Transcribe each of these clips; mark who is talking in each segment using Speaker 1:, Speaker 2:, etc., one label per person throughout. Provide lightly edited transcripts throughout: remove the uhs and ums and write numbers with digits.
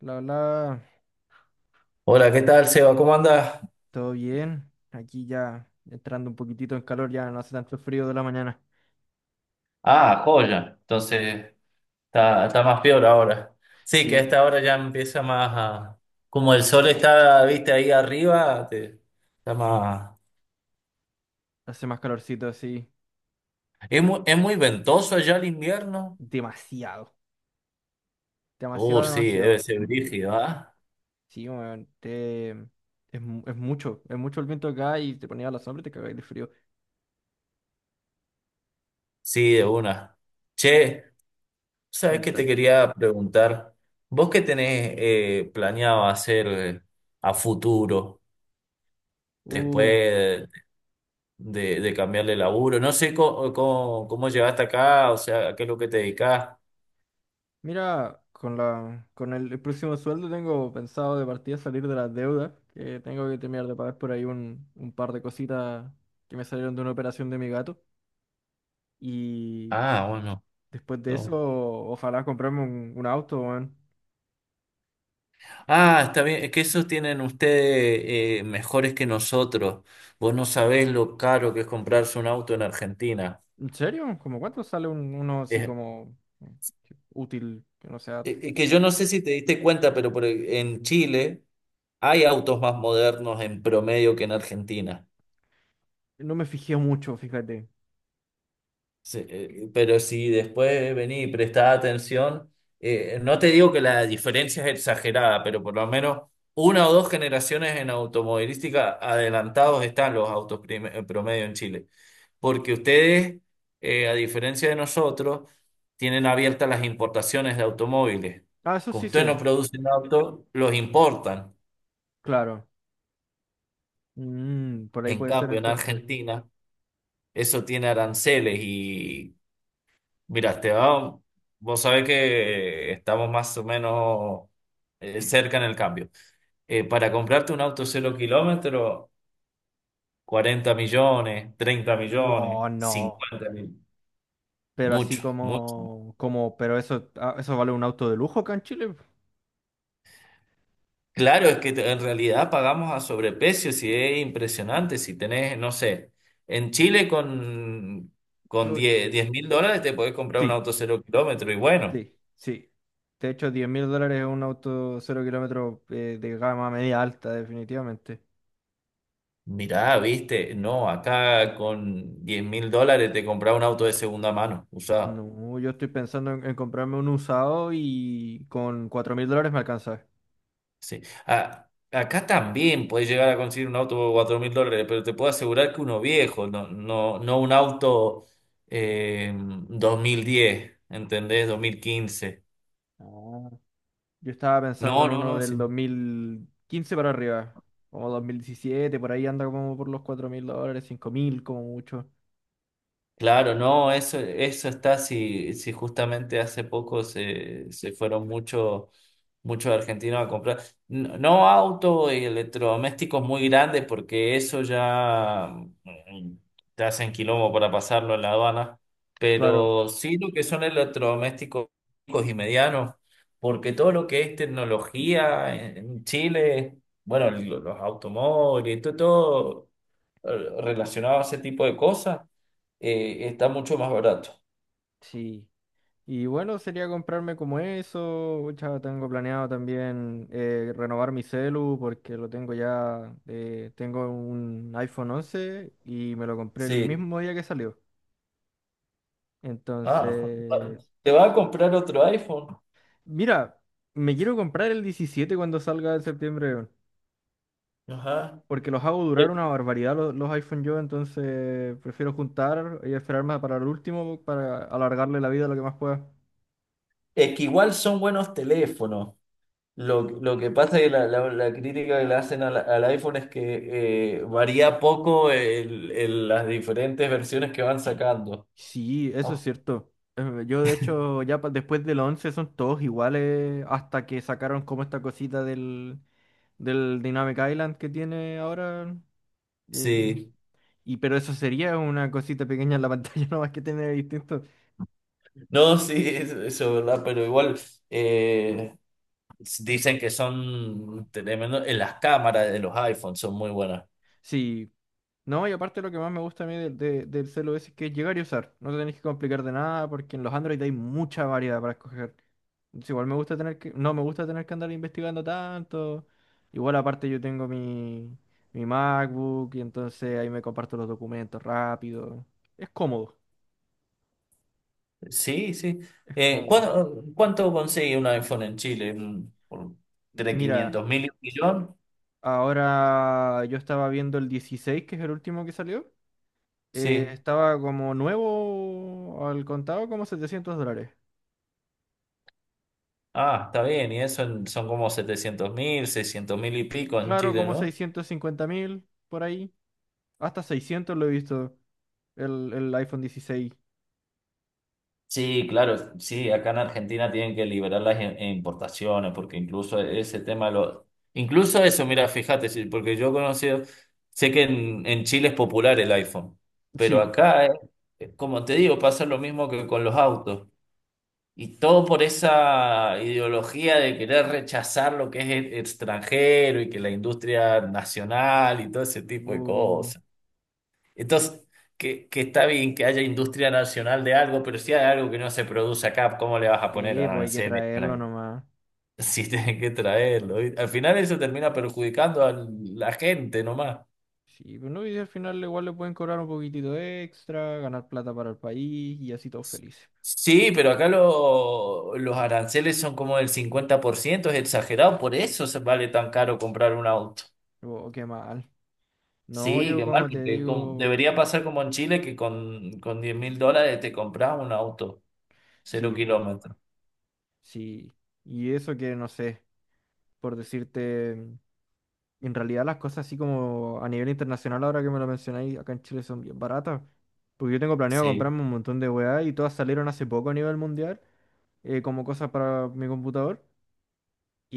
Speaker 1: La Hola,
Speaker 2: Hola, ¿qué tal, Seba? ¿Cómo andas?
Speaker 1: todo bien. Aquí ya entrando un poquitito en calor, ya no hace tanto frío de la mañana.
Speaker 2: Ah, joya. Entonces, está más peor ahora. Sí, que a
Speaker 1: Sí,
Speaker 2: esta hora ya empieza más a. Como el sol está, viste, ahí arriba, está más.
Speaker 1: hace más calorcito así.
Speaker 2: ¿Es muy ventoso allá el invierno?
Speaker 1: Demasiado. Demasiado,
Speaker 2: Sí, debe
Speaker 1: demasiado.
Speaker 2: ser brígido, ¿ah?
Speaker 1: Sí, weón, es, es mucho. Es mucho el viento acá y te ponía a la sombra y te cagáis de frío.
Speaker 2: Sí, de una. Che, ¿sabes qué te
Speaker 1: Cuenta.
Speaker 2: quería preguntar? ¿Vos qué tenés planeado hacer a futuro?
Speaker 1: Uh,
Speaker 2: Después de cambiar de laburo. No sé cómo llegaste acá, o sea, a qué es lo que te dedicás.
Speaker 1: mira, con el próximo sueldo tengo pensado de partida salir de las deudas, que tengo que terminar de pagar por ahí un par de cositas que me salieron de una operación de mi gato. y
Speaker 2: Ah, bueno.
Speaker 1: Después de eso,
Speaker 2: No.
Speaker 1: ojalá comprarme un auto, weón.
Speaker 2: Ah, está bien, es que esos tienen ustedes mejores que nosotros. Vos no sabés lo caro que es comprarse un auto en Argentina.
Speaker 1: ¿En serio? ¿Cómo cuánto sale uno así
Speaker 2: Es,
Speaker 1: como útil? Que no sea.
Speaker 2: es que yo no sé si te diste cuenta, pero en Chile hay autos más modernos en promedio que en Argentina.
Speaker 1: No me fijé mucho, fíjate.
Speaker 2: Sí, pero si después venís y prestás atención, no te digo que la diferencia es exagerada, pero por lo menos una o dos generaciones en automovilística adelantados están los autos promedio en Chile. Porque ustedes, a diferencia de nosotros, tienen abiertas las importaciones de automóviles.
Speaker 1: Ah, eso
Speaker 2: Como
Speaker 1: sí
Speaker 2: ustedes no
Speaker 1: sé.
Speaker 2: producen autos, los importan.
Speaker 1: Claro. Mm, por ahí
Speaker 2: En
Speaker 1: puede ser
Speaker 2: cambio, en
Speaker 1: entonces.
Speaker 2: Argentina, eso tiene aranceles. Mira, Esteban, vos sabés que estamos más o menos cerca en el cambio. Para comprarte un auto cero kilómetro, 40 millones, 30 millones,
Speaker 1: Oh, no.
Speaker 2: 50, mil.
Speaker 1: Pero así
Speaker 2: Mucho, mucho.
Speaker 1: pero eso, ah, eso vale un auto de lujo acá en Chile.
Speaker 2: Claro, es que en realidad pagamos a sobreprecio, si es impresionante, si tenés, no sé, en Chile con
Speaker 1: Yo,
Speaker 2: US$10.000 te podés comprar un
Speaker 1: sí,
Speaker 2: auto cero kilómetro y bueno.
Speaker 1: sí. De hecho, $10.000 es un auto cero kilómetros de gama media alta, definitivamente.
Speaker 2: Mirá, viste, no, acá con 10 mil dólares te compraba un auto de segunda mano, usado.
Speaker 1: No, yo estoy pensando en comprarme un usado y con $4.000 me alcanza.
Speaker 2: Sí. Acá también puedes llegar a conseguir un auto por 4 mil dólares, pero te puedo asegurar que uno viejo, no, no, no un auto eh, 2010, ¿entendés? 2015.
Speaker 1: Ah. Yo estaba pensando
Speaker 2: No,
Speaker 1: en
Speaker 2: no,
Speaker 1: uno
Speaker 2: no, sí.
Speaker 1: del 2015 para arriba, como 2017 por ahí anda como por los $4.000, 5.000 como mucho.
Speaker 2: Claro, no, eso está, si justamente hace poco se fueron muchos argentinos a comprar. No, no autos y electrodomésticos muy grandes, porque eso ya mm, te hacen quilombo para pasarlo en la aduana.
Speaker 1: Claro,
Speaker 2: Pero sí lo que son electrodomésticos chicos y medianos, porque todo lo que es tecnología en Chile, bueno, los automóviles, todo, todo relacionado a ese tipo de cosas está mucho más barato.
Speaker 1: sí. Y bueno, sería comprarme como eso. Pucha, tengo planeado también renovar mi celu porque lo tengo ya. Tengo un iPhone 11 y me lo compré el
Speaker 2: Sí.
Speaker 1: mismo día que salió.
Speaker 2: Ah,
Speaker 1: Entonces,
Speaker 2: te vas a comprar otro iPhone.
Speaker 1: mira, me quiero comprar el 17 cuando salga en septiembre, weón,
Speaker 2: Ajá.
Speaker 1: porque los hago
Speaker 2: Eh,
Speaker 1: durar una barbaridad los iPhone yo, entonces prefiero juntar y esperarme para el último para alargarle la vida lo que más pueda.
Speaker 2: Es que igual son buenos teléfonos. Lo que pasa es que la crítica que le hacen al iPhone es que varía poco las diferentes versiones que van sacando.
Speaker 1: Sí, eso es
Speaker 2: ¿No?
Speaker 1: cierto. Yo de hecho ya después del 11 son todos iguales hasta que sacaron como esta cosita del Dynamic Island que tiene ahora. el-
Speaker 2: Sí,
Speaker 1: Y pero eso sería una cosita pequeña en la pantalla nomás que tiene distinto.
Speaker 2: no, sí, eso es verdad, pero igual eh, dicen que son tremendo, en las cámaras de los iPhones son muy buenas.
Speaker 1: Sí, no, y aparte lo que más me gusta a mí del celu es que es llegar y usar. No te tenés que complicar de nada porque en los Android hay mucha variedad para escoger. Entonces, igual me gusta tener que, no me gusta tener que andar investigando tanto. Igual aparte yo tengo mi MacBook y entonces ahí me comparto los documentos rápido. Es cómodo,
Speaker 2: Sí, sí.
Speaker 1: es cómodo.
Speaker 2: ¿Cuánto consigue un iPhone en Chile? ¿Por
Speaker 1: Mira,
Speaker 2: 3.500 mil y un millón?
Speaker 1: ahora yo estaba viendo el 16, que es el último que salió.
Speaker 2: Sí.
Speaker 1: Estaba como nuevo al contado como $700.
Speaker 2: Ah, está bien. Y eso son como 700.000, 600.000 y pico en
Speaker 1: Claro,
Speaker 2: Chile,
Speaker 1: como
Speaker 2: ¿no?
Speaker 1: 650.000 por ahí. Hasta 600 lo he visto el iPhone 16.
Speaker 2: Sí, claro. Sí, acá en Argentina tienen que liberar las importaciones porque incluso ese tema lo. Incluso eso, mira, fíjate, sí, porque yo he conocido, sé que en Chile es popular el iPhone, pero
Speaker 1: Sí.
Speaker 2: acá, como te digo, pasa lo mismo que con los autos. Y todo por esa ideología de querer rechazar lo que es extranjero y que la industria nacional y todo ese tipo de
Speaker 1: Bu-
Speaker 2: cosas. Entonces, que está bien que haya industria nacional de algo, pero si hay algo que no se produce acá, ¿cómo le vas a poner
Speaker 1: sí, pues hay que
Speaker 2: aranceles
Speaker 1: traerlo
Speaker 2: para
Speaker 1: nomás.
Speaker 2: si tienen que traerlo? Y al final eso termina perjudicando a la gente nomás.
Speaker 1: Sí, pues no, y al final igual le pueden cobrar un poquitito extra, ganar plata para el país y así todos felices. Sí.
Speaker 2: Sí, pero acá los aranceles son como del 50%, es exagerado, por eso se vale tan caro comprar un auto.
Speaker 1: Oh, qué mal. No,
Speaker 2: Sí,
Speaker 1: yo
Speaker 2: qué mal,
Speaker 1: como te
Speaker 2: porque
Speaker 1: digo,
Speaker 2: debería pasar como en Chile que con 10 mil dólares te compras un auto, cero
Speaker 1: sí, pues,
Speaker 2: kilómetros.
Speaker 1: sí. Y eso que no sé, por decirte. Y en realidad las cosas así como a nivel internacional, ahora que me lo mencionáis, acá en Chile son bien baratas. Porque yo tengo planeado
Speaker 2: Sí,
Speaker 1: comprarme un montón de weá y todas salieron hace poco a nivel mundial, como cosas para mi computador.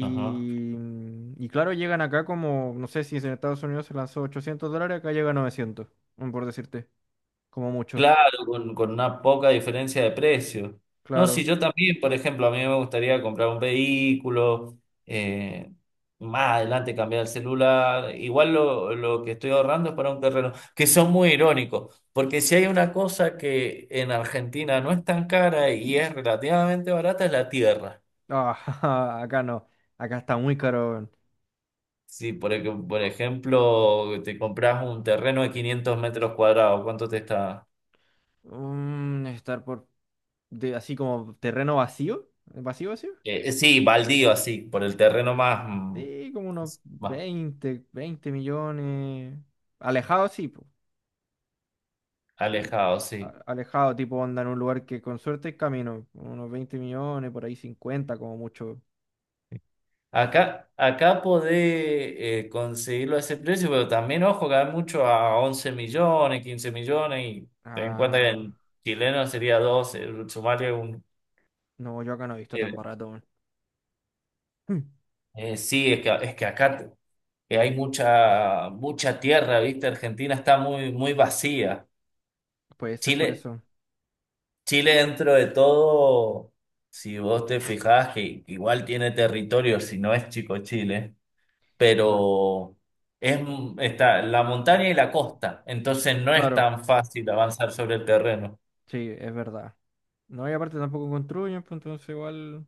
Speaker 2: ajá.
Speaker 1: mm, Y claro, llegan acá como, no sé si en Estados Unidos se lanzó $800, acá llega a 900, mm, por decirte, como mucho.
Speaker 2: Claro, con una poca diferencia de precio. No, si
Speaker 1: Claro.
Speaker 2: yo también, por ejemplo, a mí me gustaría comprar un vehículo, eh, más adelante cambiar el celular. Igual lo que estoy ahorrando es para un terreno, que son muy irónicos, porque si hay una cosa que en Argentina no es tan cara y es relativamente barata, es la tierra.
Speaker 1: Ah, acá no, acá está muy caro. Weón.
Speaker 2: Sí, por ejemplo, te compras un terreno de 500 metros cuadrados, ¿cuánto te está?
Speaker 1: Mm, estar por, de, así como terreno vacío, vacío, vacío.
Speaker 2: Sí, baldío, así, por el terreno más, mm,
Speaker 1: Sí, como unos
Speaker 2: más
Speaker 1: 20, 20.000.000. Alejado, sí, po. Al-
Speaker 2: alejado, sí.
Speaker 1: alejado, tipo onda en un lugar que con suerte es camino. Unos 20.000.000, por ahí 50 como mucho.
Speaker 2: Acá podés conseguirlo a ese precio, pero también, ojo, que hay mucho a 11 millones, 15 millones, y ten en cuenta que
Speaker 1: Ah,
Speaker 2: en chileno sería 12, sumarle un.
Speaker 1: no, yo acá no he visto tan
Speaker 2: eh,
Speaker 1: barato. Weón. Hmm,
Speaker 2: sí, es que, acá que hay mucha, mucha tierra, ¿viste? Argentina está muy, muy vacía.
Speaker 1: puede ser por
Speaker 2: Chile,
Speaker 1: eso.
Speaker 2: Chile dentro de todo, si vos te fijás que igual tiene territorio, si no es chico Chile,
Speaker 1: Claro.
Speaker 2: pero es, está la montaña y la costa, entonces no es
Speaker 1: Claro,
Speaker 2: tan fácil avanzar sobre el terreno.
Speaker 1: sí, es verdad. No, y aparte tampoco construyen, pues entonces igual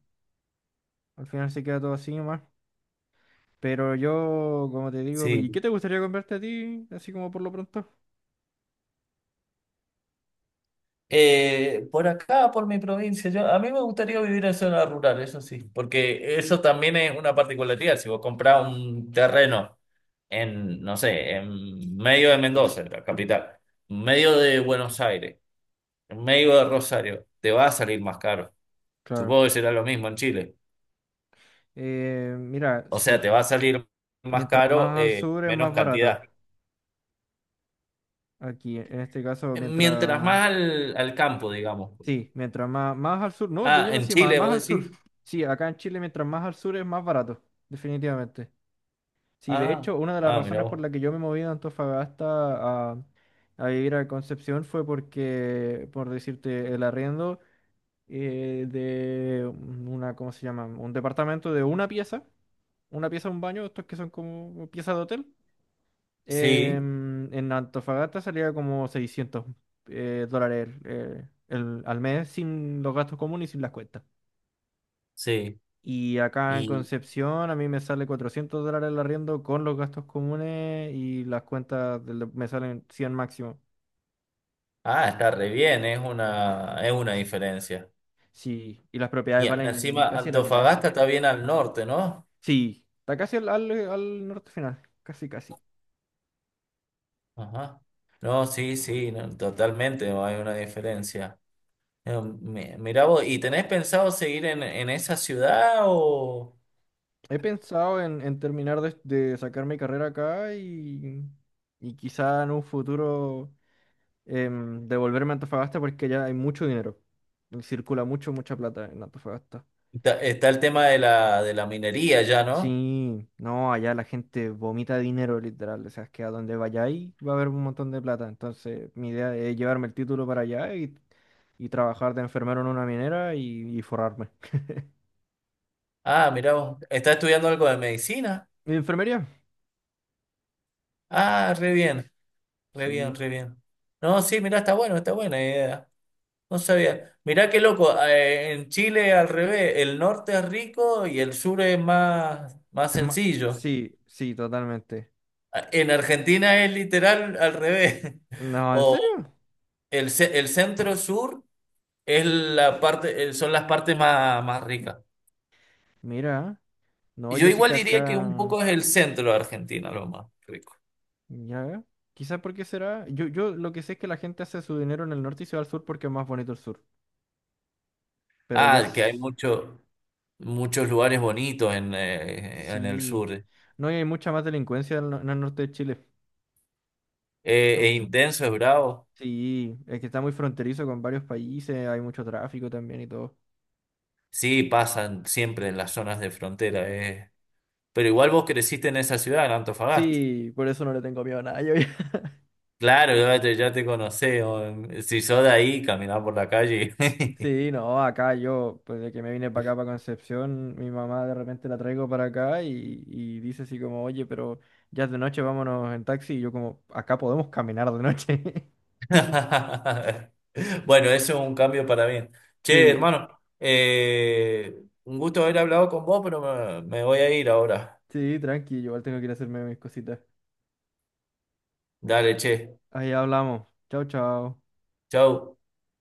Speaker 1: al final se queda todo así nomás. Pero yo, como te digo, pues, ¿y qué
Speaker 2: Sí.
Speaker 1: te gustaría comprarte a ti? Así como por lo pronto.
Speaker 2: Por acá, por mi provincia, a mí me gustaría vivir en zona rural, eso sí, porque eso también es una particularidad. Si vos comprás un terreno en, no sé, en medio de Mendoza, la capital, medio de Buenos Aires. En medio de Rosario, te va a salir más caro.
Speaker 1: Claro.
Speaker 2: Supongo que será lo mismo en Chile.
Speaker 1: Mira,
Speaker 2: O sea, te
Speaker 1: sí.
Speaker 2: va a salir más
Speaker 1: Mientras
Speaker 2: caro,
Speaker 1: más al sur es
Speaker 2: menos
Speaker 1: más barato.
Speaker 2: cantidad.
Speaker 1: Aquí, en este caso,
Speaker 2: Mientras
Speaker 1: mientras...
Speaker 2: más al campo, digamos.
Speaker 1: Sí, mientras más, más al sur. No, de
Speaker 2: Ah,
Speaker 1: lleno
Speaker 2: en
Speaker 1: sí, más,
Speaker 2: Chile,
Speaker 1: más
Speaker 2: vos
Speaker 1: al sur.
Speaker 2: decís.
Speaker 1: Sí, acá en Chile, mientras más al sur es más barato. Definitivamente. Sí, de
Speaker 2: Ah,
Speaker 1: hecho, una de las
Speaker 2: ah, mira
Speaker 1: razones por
Speaker 2: vos.
Speaker 1: la que yo me moví de Antofagasta a vivir a Concepción fue porque, por decirte, el arriendo de una, ¿cómo se llama? Un departamento de una pieza. Una pieza, un baño, estos que son como piezas de hotel.
Speaker 2: Sí,
Speaker 1: En Antofagasta salía como 600 dólares al mes sin los gastos comunes y sin las cuentas.
Speaker 2: sí.
Speaker 1: Y acá en
Speaker 2: Y,
Speaker 1: Concepción a mí me sale $400 el arriendo con los gastos comunes y las cuentas me salen 100 máximo.
Speaker 2: está re bien, es una diferencia.
Speaker 1: Sí, y las propiedades
Speaker 2: Y
Speaker 1: valen
Speaker 2: encima,
Speaker 1: casi la mitad.
Speaker 2: Antofagasta está bien al norte, ¿no?
Speaker 1: Sí, está casi al norte final, casi casi.
Speaker 2: Ajá. No, sí, sí, no, totalmente, no hay una diferencia. Mira vos, ¿y tenés pensado seguir en esa ciudad o
Speaker 1: He pensado en terminar de sacar mi carrera acá y quizá en un futuro devolverme a Antofagasta porque ya hay mucho dinero. Y circula mucho, mucha plata en Antofagasta.
Speaker 2: está el tema de la minería ya, ¿no?
Speaker 1: Sí, no, allá la gente vomita dinero literal, o sea, es que a donde vayáis va a haber un montón de plata. Entonces, mi idea es llevarme el título para allá y trabajar de enfermero en una minera y forrarme.
Speaker 2: Ah, mira vos, ¿estás estudiando algo de medicina?
Speaker 1: ¿En enfermería?
Speaker 2: Ah, re bien, re bien,
Speaker 1: Sí.
Speaker 2: re bien. No, sí, mira, está bueno, está buena idea. No sabía. Mirá qué loco, en Chile al revés, el norte es rico y el sur es más, más
Speaker 1: Es más,
Speaker 2: sencillo.
Speaker 1: sí, sí, totalmente.
Speaker 2: Ah, en Argentina es literal al revés.
Speaker 1: No, ¿en
Speaker 2: O
Speaker 1: serio?
Speaker 2: el centro sur. Son las partes más, más ricas.
Speaker 1: Mira, no,
Speaker 2: Yo
Speaker 1: yo sí
Speaker 2: igual
Speaker 1: que
Speaker 2: diría que un
Speaker 1: acá.
Speaker 2: poco es el centro de Argentina lo más rico.
Speaker 1: Ya, quizá porque será. Yo lo que sé es que la gente hace su dinero en el norte y se va al sur porque es más bonito el sur. Pero ya
Speaker 2: Ah, que hay muchos lugares bonitos en el
Speaker 1: sí.
Speaker 2: sur.
Speaker 1: No y hay mucha más delincuencia en, el no- en el norte de Chile.
Speaker 2: Es intenso, es bravo.
Speaker 1: Sí, es que está muy fronterizo con varios países, hay mucho tráfico también y todo.
Speaker 2: Sí, pasan siempre en las zonas de frontera. Pero igual vos creciste en esa ciudad, en Antofagasta.
Speaker 1: Sí, por eso no le tengo miedo a nada.
Speaker 2: Claro, ya te conocí. Si sos de ahí, caminás por la calle.
Speaker 1: Sí, no, acá yo, pues de que me vine para acá, para Concepción, mi mamá de repente la traigo para acá y dice así como, oye, pero ya es de noche, vámonos en taxi. Y yo como, acá podemos caminar de noche.
Speaker 2: Bueno, eso es un cambio para bien. Che,
Speaker 1: Sí.
Speaker 2: hermano, un gusto haber hablado con vos, pero me voy a ir ahora.
Speaker 1: Sí, tranqui, yo igual tengo que ir a hacerme mis cositas.
Speaker 2: Dale, che.
Speaker 1: Ahí hablamos. Chao, chao.
Speaker 2: Chau.